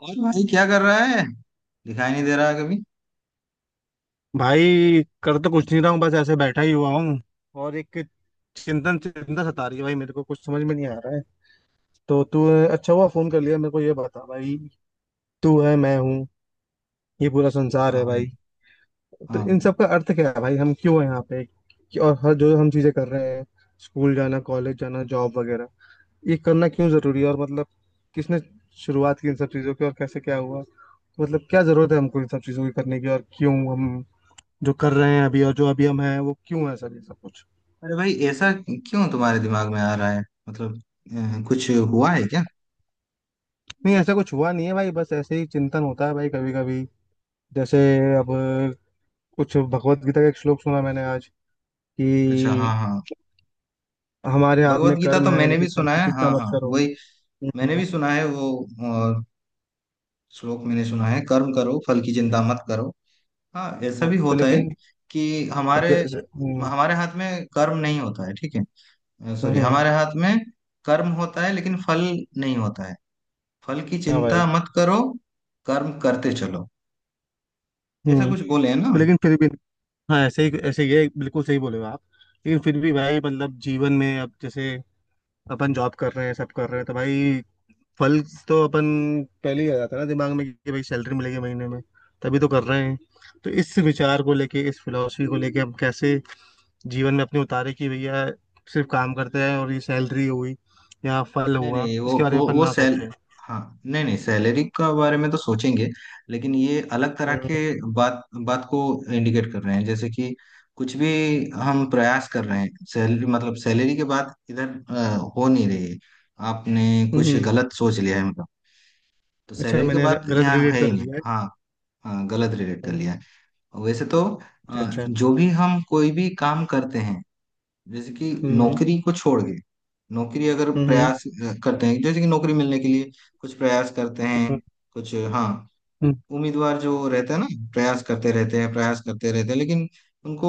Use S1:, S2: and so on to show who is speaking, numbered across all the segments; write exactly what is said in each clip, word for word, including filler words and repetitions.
S1: और भाई क्या कर रहा है। दिखाई नहीं दे रहा है कभी।
S2: भाई कर तो कुछ नहीं रहा हूँ, बस ऐसे बैठा ही हुआ हूँ। और एक चिंतन चिंता सता रही है भाई, मेरे को कुछ समझ में नहीं आ रहा है। तो तू अच्छा हुआ फोन कर लिया, मेरे को ये बता भाई। तू है, मैं हूँ, ये पूरा संसार
S1: हाँ
S2: है
S1: भाई।
S2: भाई, तो
S1: हाँ
S2: इन
S1: भाई।
S2: सब का अर्थ क्या है भाई? हम क्यों है यहाँ पे कि- और हर जो हम चीजें कर रहे हैं, स्कूल जाना, कॉलेज जाना, जॉब वगैरह, ये करना क्यों जरूरी है? और मतलब किसने शुरुआत की इन सब चीजों की और कैसे क्या हुआ? मतलब क्या जरूरत है हमको इन सब चीजों की करने की, और क्यों हम जो कर रहे हैं अभी, और जो अभी हम हैं वो क्यों है सर ये सब कुछ।
S1: अरे भाई ऐसा क्यों तुम्हारे दिमाग में आ रहा है? मतलब अ, कुछ हुआ है क्या?
S2: नहीं, ऐसा कुछ हुआ नहीं है भाई, बस ऐसे ही चिंतन होता है भाई कभी कभी। जैसे अब, कुछ भगवत गीता का एक श्लोक सुना मैंने आज,
S1: अच्छा, हाँ
S2: कि
S1: हाँ।
S2: हमारे हाथ
S1: भगवत
S2: में
S1: गीता
S2: कर्म
S1: तो
S2: है
S1: मैंने
S2: लेकिन
S1: भी
S2: फल
S1: सुना
S2: की
S1: है, हाँ
S2: चिंता मत
S1: हाँ
S2: करो।
S1: वही। मैंने
S2: हम्म।
S1: भी सुना है वो। और श्लोक मैंने सुना है, कर्म करो फल की चिंता मत करो। हाँ ऐसा
S2: हाँ,
S1: भी
S2: तो
S1: होता है
S2: लेकिन
S1: कि
S2: अब
S1: हमारे
S2: जैसे हम्म।
S1: हमारे हाथ में कर्म नहीं होता है, ठीक है। सॉरी,
S2: हम्म,
S1: हमारे हाथ में कर्म होता है लेकिन फल नहीं होता है। फल की
S2: हाँ भाई।
S1: चिंता मत करो, कर्म करते चलो। ऐसा
S2: हम्म।
S1: कुछ बोले है ना।
S2: तो लेकिन फिर भी, हाँ ऐसे ही ऐसे ही है, बिल्कुल सही बोले हो आप। लेकिन फिर भी भाई, मतलब जीवन में अब जैसे अपन जॉब कर रहे हैं, सब कर रहे हैं, तो भाई फल तो अपन पहले ही आ जाता है ना दिमाग में कि भाई सैलरी मिलेगी महीने में, तभी तो कर रहे हैं। तो इस विचार को लेके, इस फिलॉसफी को लेके, हम कैसे जीवन में अपने उतारे कि भैया सिर्फ काम करते हैं, और ये सैलरी हुई या फल
S1: नहीं
S2: हुआ
S1: नहीं वो
S2: इसके बारे में
S1: वो
S2: अपन
S1: वो
S2: ना
S1: सैल।
S2: सोचें।
S1: हाँ। नहीं नहीं, सैलरी का बारे में तो सोचेंगे, लेकिन ये अलग तरह के
S2: हम्म।
S1: बात बात को इंडिकेट कर रहे हैं। जैसे कि कुछ भी हम प्रयास कर रहे हैं, सैलरी मतलब सैलरी के बाद इधर अ, हो नहीं रही है, आपने कुछ
S2: हम्म,
S1: गलत सोच लिया है मतलब। तो
S2: अच्छा
S1: सैलरी के
S2: मैंने गलत
S1: बाद
S2: गलत
S1: यहाँ
S2: रिलेट
S1: है ही
S2: कर
S1: नहीं,
S2: लिया है।
S1: हाँ। हाँ, गलत रिलेट कर
S2: हम्म,
S1: लिया है। वैसे तो
S2: अच्छा
S1: अ,
S2: अच्छा।
S1: जो भी हम कोई भी काम करते हैं, जैसे कि
S2: हम्म।
S1: नौकरी को छोड़ के, नौकरी अगर
S2: हम्म।
S1: प्रयास अ, करते हैं, जैसे कि नौकरी मिलने के लिए कुछ प्रयास करते
S2: हम्म,
S1: हैं, कुछ हाँ,
S2: हम्म,
S1: उम्मीदवार जो रहता है ना, प्रयास करते रहते हैं प्रयास करते रहते हैं, लेकिन उनको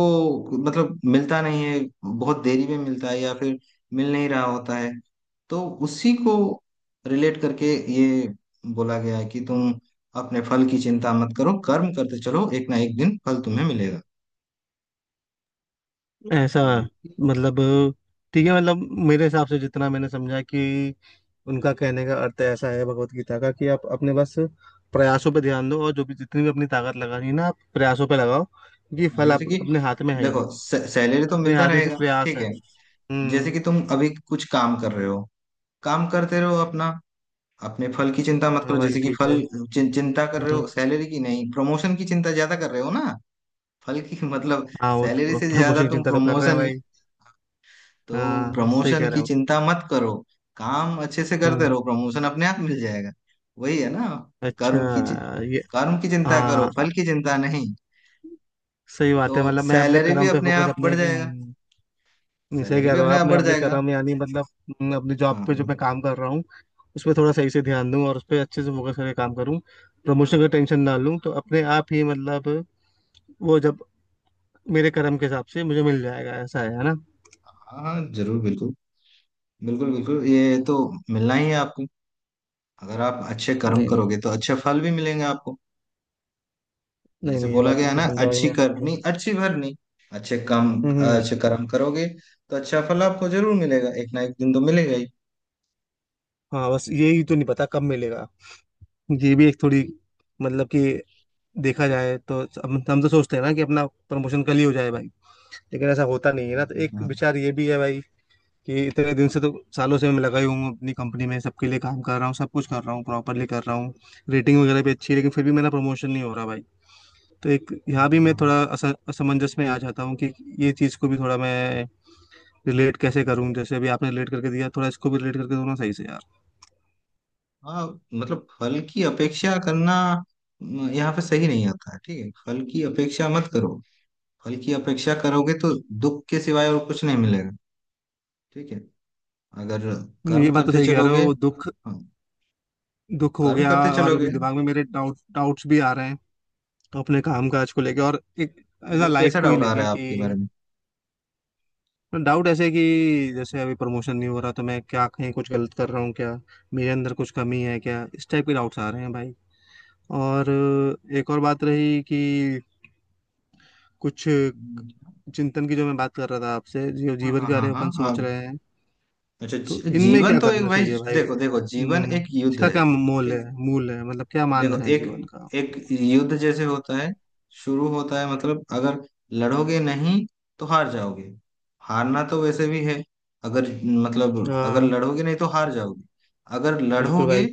S1: मतलब मिलता नहीं है, बहुत देरी में मिलता है या फिर मिल नहीं रहा होता है। तो उसी को रिलेट करके ये बोला गया है कि तुम अपने फल की चिंता मत करो, कर्म करते चलो, एक ना एक दिन फल तुम्हें मिलेगा।
S2: ऐसा।
S1: तो
S2: मतलब ठीक है, मतलब मेरे हिसाब से जितना मैंने समझा कि उनका कहने का अर्थ ऐसा है भगवत गीता का कि आप अपने बस प्रयासों पे ध्यान दो, और जो भी जितनी भी अपनी ताकत लगा रही है ना आप प्रयासों पे लगाओ, क्योंकि
S1: हाँ,
S2: फल
S1: जैसे
S2: आप
S1: कि
S2: अपने हाथ में है ही
S1: देखो
S2: नहीं।
S1: सैलरी तो
S2: अपने
S1: मिलता
S2: हाथ में सिर्फ
S1: रहेगा,
S2: प्रयास
S1: ठीक
S2: है।
S1: है। जैसे
S2: हम्म।
S1: कि तुम अभी कुछ काम कर रहे हो, काम करते रहो अपना, अपने फल की चिंता मत
S2: हाँ
S1: करो।
S2: भाई
S1: जैसे कि
S2: ठीक
S1: फल
S2: है।
S1: चिं, चिंता कर रहे
S2: हम्म।
S1: हो सैलरी की, नहीं प्रमोशन की चिंता ज्यादा कर रहे हो ना, फल की मतलब
S2: हाँ वो
S1: सैलरी
S2: तो
S1: से
S2: प्रभु
S1: ज्यादा
S2: भविष्य की
S1: तुम
S2: चिंता तो कर रहे हैं
S1: प्रमोशन की,
S2: भाई।
S1: तो
S2: हाँ सही
S1: प्रमोशन
S2: कह
S1: की
S2: रहे हो।
S1: चिंता मत करो, काम अच्छे से करते
S2: हम्म।
S1: रहो प्रमोशन अपने आप मिल जाएगा। वही है ना। कर्म की चि-
S2: अच्छा ये।
S1: कर्म की चिंता करो,
S2: हाँ
S1: फल की चिंता नहीं,
S2: सही
S1: तो
S2: बात है, मतलब मैं अपने
S1: सैलरी भी
S2: कर्म पे
S1: अपने
S2: फोकस
S1: आप
S2: अपने
S1: बढ़ जाएगा।
S2: हम्म। नहीं, सही
S1: सैलरी
S2: कह
S1: भी
S2: रहे हो
S1: अपने
S2: आप,
S1: आप
S2: मैं
S1: बढ़
S2: अपने
S1: जाएगा।
S2: कर्म यानी मतलब हम्म, अपनी जॉब पे जो मैं
S1: हाँ
S2: काम कर रहा हूँ उस पर थोड़ा सही से ध्यान दूँ, और उस पर अच्छे से फोकस करके काम करूँ, प्रमोशन का टेंशन ना लूँ, तो अपने आप ही मतलब वो जब मेरे कर्म के हिसाब से मुझे मिल जाएगा, ऐसा है है ना।
S1: हाँ, हाँ, जरूर बिल्कुल, बिल्कुल बिल्कुल। ये तो मिलना ही है आपको, अगर आप अच्छे कर्म
S2: नहीं नहीं,
S1: करोगे तो अच्छे फल भी मिलेंगे आपको।
S2: नहीं
S1: जैसे
S2: नहीं, ये
S1: बोला
S2: बात
S1: गया है ना,
S2: बिल्कुल समझाई
S1: अच्छी
S2: मैं आपको।
S1: करनी अच्छी भरनी, अच्छे काम,
S2: हम्म।
S1: अच्छे कर्म करोगे तो अच्छा फल आपको जरूर मिलेगा, एक ना एक दिन तो मिलेगा ही।
S2: हाँ बस यही तो नहीं पता कब मिलेगा। ये भी एक थोड़ी, मतलब कि देखा जाए तो हम हम तो सोचते हैं ना कि अपना प्रमोशन कल ही हो जाए भाई, लेकिन ऐसा होता नहीं है ना। तो एक
S1: हाँ
S2: विचार ये भी है भाई कि इतने दिन से, तो सालों से मैं लगाई हूँ अपनी कंपनी में, सबके लिए काम कर रहा हूँ, सब कुछ कर रहा हूँ, प्रॉपरली कर रहा हूँ, रेटिंग वगैरह भी अच्छी है, लेकिन फिर भी मेरा प्रमोशन नहीं हो रहा भाई। तो एक यहाँ भी मैं
S1: हाँ,
S2: थोड़ा अस, असमंजस में आ जाता हूँ कि ये चीज़ को भी थोड़ा मैं रिलेट कैसे करूँ? जैसे अभी आपने रिलेट करके दिया, थोड़ा इसको भी रिलेट करके दो ना सही से यार।
S1: हाँ, मतलब फल की अपेक्षा करना म, यहाँ पे सही नहीं आता है, ठीक है फल की अपेक्षा मत करो। फल की अपेक्षा करोगे तो दुख के सिवाय और कुछ नहीं मिलेगा, ठीक है। अगर
S2: ये
S1: कर्म
S2: बात तो
S1: करते
S2: सही कह रहे
S1: चलोगे,
S2: हो, दुख
S1: हाँ
S2: दुख हो
S1: कर्म
S2: गया।
S1: करते
S2: और
S1: चलोगे।
S2: अभी दिमाग में मेरे डाउट डाउट्स भी आ रहे हैं अपने काम काज को लेके, और एक एज
S1: मतलब
S2: लाइफ
S1: कैसा
S2: को ही
S1: डाउट आ रहा
S2: लेके,
S1: है आपके
S2: कि
S1: बारे में?
S2: डाउट ऐसे कि जैसे अभी प्रमोशन नहीं हो रहा तो मैं क्या कहीं कुछ गलत कर रहा हूँ क्या? मेरे अंदर कुछ कमी है क्या? इस टाइप के डाउट्स आ रहे हैं भाई। और अ, एक और बात रही कि कुछ चिंतन की जो मैं बात कर रहा था आपसे, जो
S1: हाँ
S2: जीवन
S1: हाँ
S2: के
S1: हाँ
S2: बारे में अपन
S1: हाँ हाँ,
S2: सोच रहे हैं,
S1: अच्छा
S2: तो
S1: जी-
S2: इनमें
S1: जीवन
S2: क्या
S1: तो एक
S2: करना
S1: भाई,
S2: चाहिए भाई?
S1: देखो देखो जीवन
S2: हम्म,
S1: एक युद्ध
S2: इसका
S1: है,
S2: क्या मोल
S1: ठीक
S2: है
S1: है।
S2: मूल है, मतलब क्या मानना
S1: देखो
S2: है
S1: एक
S2: जीवन का?
S1: एक युद्ध जैसे होता है, शुरू होता है, मतलब अगर लड़ोगे नहीं तो हार जाओगे। हारना तो वैसे भी है, अगर मतलब अगर
S2: हाँ
S1: लड़ोगे नहीं तो हार जाओगे, अगर
S2: बिल्कुल
S1: लड़ोगे
S2: भाई।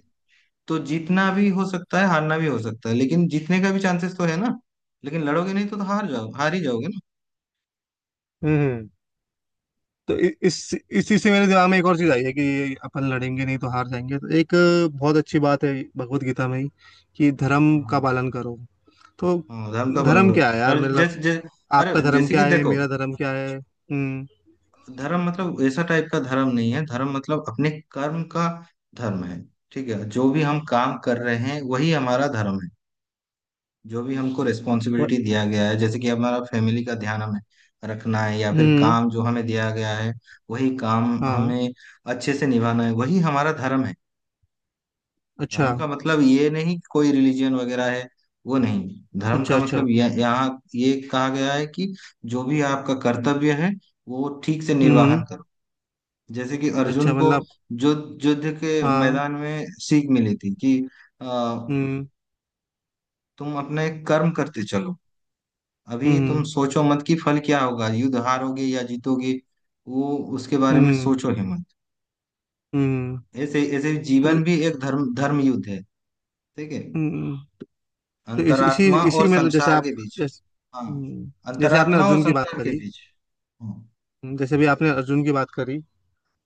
S1: तो जीतना भी हो सकता है हारना भी हो सकता है, लेकिन जीतने का भी चांसेस तो है ना। लेकिन लड़ोगे नहीं तो, तो हार जाओ, हार ही जाओगे ना।
S2: हम्म। तो इ- इस इसी से मेरे दिमाग में एक और चीज आई है कि अपन लड़ेंगे नहीं तो हार जाएंगे। तो एक बहुत अच्छी बात है भगवत गीता में ही, कि धर्म का
S1: हाँ।
S2: पालन करो। तो
S1: हाँ धर्म का पालन
S2: धर्म क्या है
S1: करो
S2: यार,
S1: और
S2: मतलब
S1: जैसे जै, अरे
S2: आपका धर्म
S1: जैसे कि
S2: क्या है,
S1: देखो,
S2: मेरा धर्म क्या है? हम्म।
S1: धर्म मतलब ऐसा टाइप का धर्म नहीं है, धर्म मतलब अपने कर्म का धर्म है, ठीक है। जो भी हम काम कर रहे हैं वही हमारा धर्म है। जो भी हमको
S2: व-
S1: रिस्पॉन्सिबिलिटी दिया गया है, जैसे कि हमारा फैमिली का ध्यान हमें रखना है, या फिर
S2: हम्म।
S1: काम जो हमें दिया गया है वही काम
S2: हाँ
S1: हमें अच्छे से निभाना है, वही हमारा धर्म है।
S2: अच्छा
S1: धर्म का मतलब ये नहीं कि कोई रिलीजन वगैरह है, वो नहीं। धर्म का
S2: अच्छा। अच्छा।
S1: मतलब यह, यहाँ ये कहा गया है कि जो भी आपका कर्तव्य है वो ठीक से
S2: हम्म।
S1: निर्वाहन करो। जैसे कि अर्जुन
S2: अच्छा
S1: को
S2: मतलब
S1: जो युद्ध के
S2: हाँ।
S1: मैदान में सीख मिली थी कि अ,
S2: हम्म।
S1: तुम अपने कर्म करते चलो, अभी तुम
S2: हम्म।
S1: सोचो मत कि फल क्या होगा, युद्ध हारोगे या जीतोगे, वो उसके बारे में
S2: हम्म।
S1: सोचो ही मत।
S2: हम्म।
S1: ऐसे ऐसे
S2: तो
S1: जीवन भी एक धर्म धर्म युद्ध है, ठीक है,
S2: हम्म। तो इस, इसी
S1: अंतरात्मा
S2: इसी
S1: और
S2: मतलब जैसे
S1: संसार
S2: आप,
S1: के बीच।
S2: जैसे
S1: हाँ,
S2: हम्म। जैसे आपने
S1: अंतरात्मा और
S2: अर्जुन की बात
S1: संसार के
S2: करी।
S1: बीच। हाँ
S2: जैसे भी आपने अर्जुन की बात करी,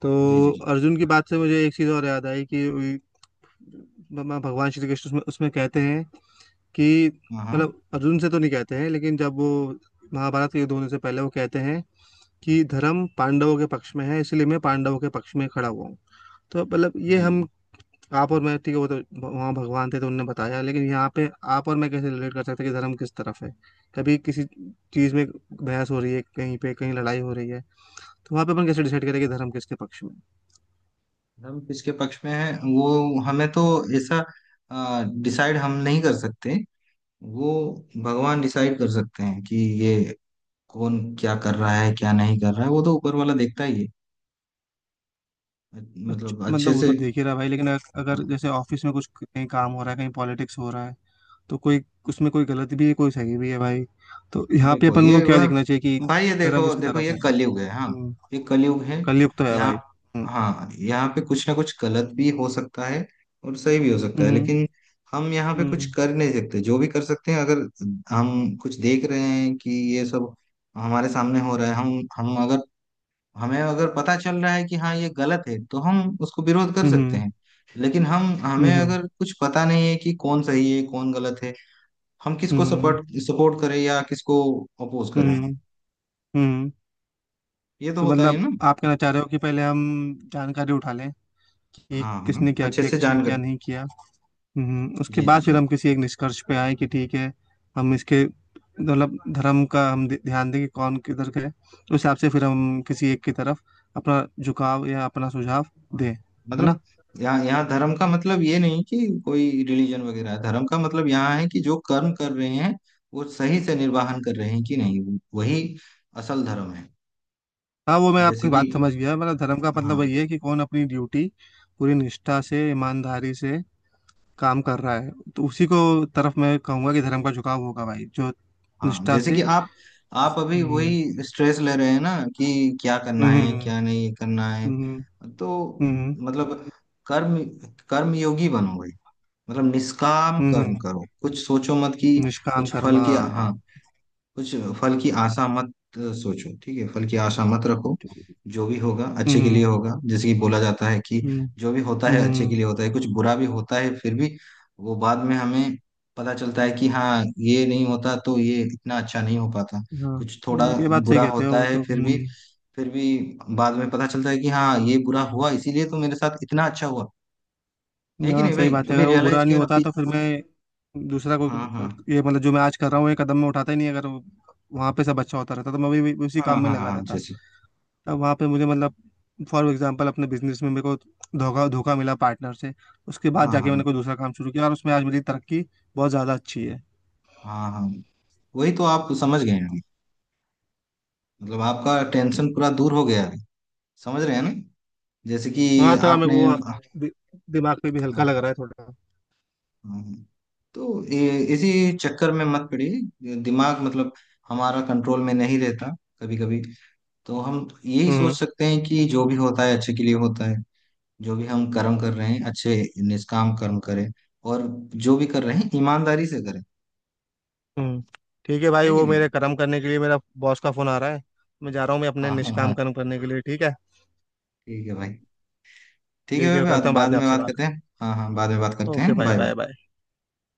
S2: तो
S1: जी जी जी।
S2: अर्जुन की बात से मुझे एक चीज और याद आई कि भगवान भगवान श्री कृष्ण उसमें, उसमें कहते हैं कि
S1: हाँ हाँ।
S2: मतलब अर्जुन से तो नहीं कहते हैं, लेकिन जब वो महाभारत के युद्ध होने से पहले वो कहते हैं कि धर्म पांडवों के पक्ष में है, इसलिए मैं पांडवों के पक्ष में खड़ा हुआ हूँ। तो मतलब ये
S1: जी।
S2: हम, आप और मैं, ठीक है वो तो वहाँ भगवान थे तो उनने बताया, लेकिन यहाँ पे आप और मैं कैसे रिलेट कर सकते हैं कि धर्म किस तरफ है? कभी किसी चीज में बहस हो रही है कहीं पे, कहीं लड़ाई हो रही है, तो वहाँ पे अपन कैसे डिसाइड करें कि धर्म किसके पक्ष में है?
S1: हम किसके पक्ष में हैं वो हमें तो ऐसा डिसाइड हम नहीं कर सकते, वो भगवान डिसाइड कर सकते हैं कि ये कौन क्या कर रहा है क्या नहीं कर रहा है, वो तो ऊपर वाला देखता ही है।
S2: अच्छा,
S1: मतलब
S2: मतलब
S1: अच्छे
S2: वो
S1: से,
S2: तो देख ही रहा है भाई, लेकिन अगर अगर
S1: हाँ।
S2: जैसे ऑफिस में कुछ कहीं काम हो रहा है, कहीं पॉलिटिक्स हो रहा है, तो कोई उसमें कोई गलत भी है कोई सही भी है भाई, तो यहाँ पे
S1: देखो
S2: अपन को
S1: ये
S2: क्या
S1: वह
S2: देखना चाहिए कि
S1: भाई, ये
S2: धर्म
S1: देखो
S2: किसकी
S1: देखो
S2: तरफ
S1: ये
S2: है?
S1: कलयुग है, हाँ
S2: हम्म।
S1: ये कलयुग है।
S2: कलयुग तो है
S1: यहाँ
S2: भाई। हम्म।
S1: हाँ, यहाँ पे कुछ ना कुछ गलत भी हो सकता है और सही भी हो सकता है,
S2: हम्म।
S1: लेकिन हम यहाँ पे कुछ
S2: हम्म।
S1: कर नहीं सकते। जो भी कर सकते हैं, अगर हम कुछ देख रहे हैं कि ये सब हमारे सामने हो रहा है, हम हम अगर, हमें अगर पता चल रहा है कि हाँ ये गलत है तो हम उसको विरोध कर सकते
S2: हम्म।
S1: हैं। लेकिन हम हमें
S2: हम्म।
S1: अगर कुछ पता नहीं है कि कौन सही है कौन गलत है, हम किसको
S2: हम्म।
S1: सपोर्ट सपोर्ट करें या किसको अपोज करें।
S2: हम्म, हम्म। हम्म।
S1: ये तो
S2: तो
S1: होता है
S2: मतलब
S1: ना।
S2: आप कहना चाह रहे हो कि पहले हम जानकारी उठा लें कि
S1: हाँ हाँ,
S2: किसने क्या
S1: अच्छे
S2: किया,
S1: से
S2: किसने
S1: जान
S2: क्या
S1: कर।
S2: नहीं किया। हम्म, उसके
S1: जी जी
S2: बाद
S1: जी।
S2: फिर हम किसी एक निष्कर्ष पे आए कि ठीक है, हम इसके मतलब धर्म का हम ध- ध्यान दें कि कौन किधर का है। उस हिसाब से फिर हम किसी एक की तरफ अपना झुकाव या अपना सुझाव दें,
S1: हाँ।
S2: है ना?
S1: मतलब यहाँ यहाँ धर्म का मतलब ये नहीं कि कोई रिलीजन वगैरह है, धर्म का मतलब यहाँ है कि जो कर्म कर रहे हैं वो सही से निर्वाहन कर रहे हैं कि नहीं, वही असल धर्म है।
S2: हाँ, वो मैं
S1: जैसे
S2: आपकी
S1: कि
S2: बात समझ गया, मतलब धर्म का मतलब
S1: हाँ
S2: वही है कि कौन अपनी ड्यूटी पूरी निष्ठा से, ईमानदारी से काम कर रहा है, तो उसी को तरफ मैं कहूंगा कि धर्म का झुकाव होगा भाई, जो
S1: हाँ,
S2: निष्ठा
S1: जैसे कि
S2: से।
S1: आप आप अभी
S2: हम्म।
S1: वही स्ट्रेस ले रहे हैं ना कि क्या करना
S2: हम्म।
S1: है
S2: हम्म।
S1: क्या नहीं करना है।
S2: हम्म।
S1: तो
S2: हम्म।
S1: मतलब कर्म कर्म योगी बनो भाई, मतलब निष्काम कर्म
S2: हम्म,
S1: करो, कुछ सोचो मत कि
S2: निष्काम
S1: कुछ फल
S2: कर्मा।
S1: की, हाँ कुछ फल की आशा मत अ, सोचो, ठीक है फल की आशा मत रखो। जो भी होगा अच्छे के
S2: हम्म।
S1: लिए होगा, जैसे कि बोला जाता है कि
S2: हम्म।
S1: जो भी होता है अच्छे के
S2: हम्म।
S1: लिए होता है, कुछ बुरा भी होता है फिर भी वो बाद में हमें पता चलता है कि हाँ ये नहीं होता तो ये इतना अच्छा नहीं हो पाता।
S2: हाँ।
S1: कुछ थोड़ा
S2: नहीं, ये बात सही
S1: बुरा
S2: कहते हो
S1: होता
S2: वो
S1: है,
S2: तो।
S1: फिर भी
S2: हम्म।
S1: फिर भी बाद में पता चलता है कि हाँ ये बुरा हुआ इसीलिए तो मेरे साथ इतना अच्छा हुआ। है कि
S2: हाँ
S1: नहीं
S2: सही
S1: भाई,
S2: बात है,
S1: कभी
S2: अगर वो बुरा
S1: रियलाइज
S2: नहीं
S1: किया ना
S2: होता
S1: अपनी-
S2: तो फिर मैं दूसरा को,
S1: हाँ हाँ
S2: ये मतलब जो मैं आज कर रहा हूँ ये कदम मैं उठाता ही नहीं, अगर वो- वहाँ पे सब अच्छा होता रहता तो मैं भी भी उसी
S1: हाँ
S2: काम में
S1: हाँ हाँ,
S2: लगा
S1: हाँ,
S2: रहता।
S1: जैसे
S2: तब वहाँ पे मुझे मतलब, फॉर एग्जांपल अपने बिजनेस में मेरे को धोखा धोखा मिला पार्टनर से, उसके बाद
S1: हाँ
S2: जाके
S1: हाँ
S2: मैंने कोई दूसरा काम शुरू किया और उसमें आज मेरी तरक्की बहुत ज़्यादा अच्छी है।
S1: हाँ हाँ वही तो आप समझ गए हैं अभी। मतलब आपका टेंशन पूरा दूर हो गया अभी, समझ रहे हैं ना। जैसे कि
S2: हाँ थोड़ा मेरे
S1: आपने हाँ,
S2: को दि, दिमाग पे भी हल्का
S1: हाँ।
S2: लग रहा है थोड़ा।
S1: हाँ। तो ये- इसी चक्कर में मत पड़िए, दिमाग मतलब हमारा कंट्रोल में नहीं रहता कभी कभी। तो हम यही सोच
S2: हम्म।
S1: सकते हैं कि जो भी होता है अच्छे के लिए होता है। जो भी हम कर्म कर रहे हैं अच्छे, निष्काम कर्म करें, और जो भी कर रहे हैं ईमानदारी से करें।
S2: हम्म। ठीक है भाई,
S1: है कि
S2: वो
S1: नहीं?
S2: मेरे कर्म करने के लिए मेरा बॉस का फोन आ रहा है, मैं जा रहा हूँ मैं अपने
S1: हाँ हाँ
S2: निष्काम
S1: हाँ,
S2: कर्म करने के लिए, ठीक है।
S1: ठीक है भाई, ठीक है
S2: ठीक
S1: भाई,
S2: है
S1: बाद
S2: करता हूँ बाद
S1: बाद
S2: में
S1: में
S2: आपसे
S1: बात
S2: बात।
S1: करते हैं, हाँ हाँ बाद में बात करते
S2: ओके
S1: हैं,
S2: भाई,
S1: बाय
S2: बाय
S1: बाय।
S2: बाय।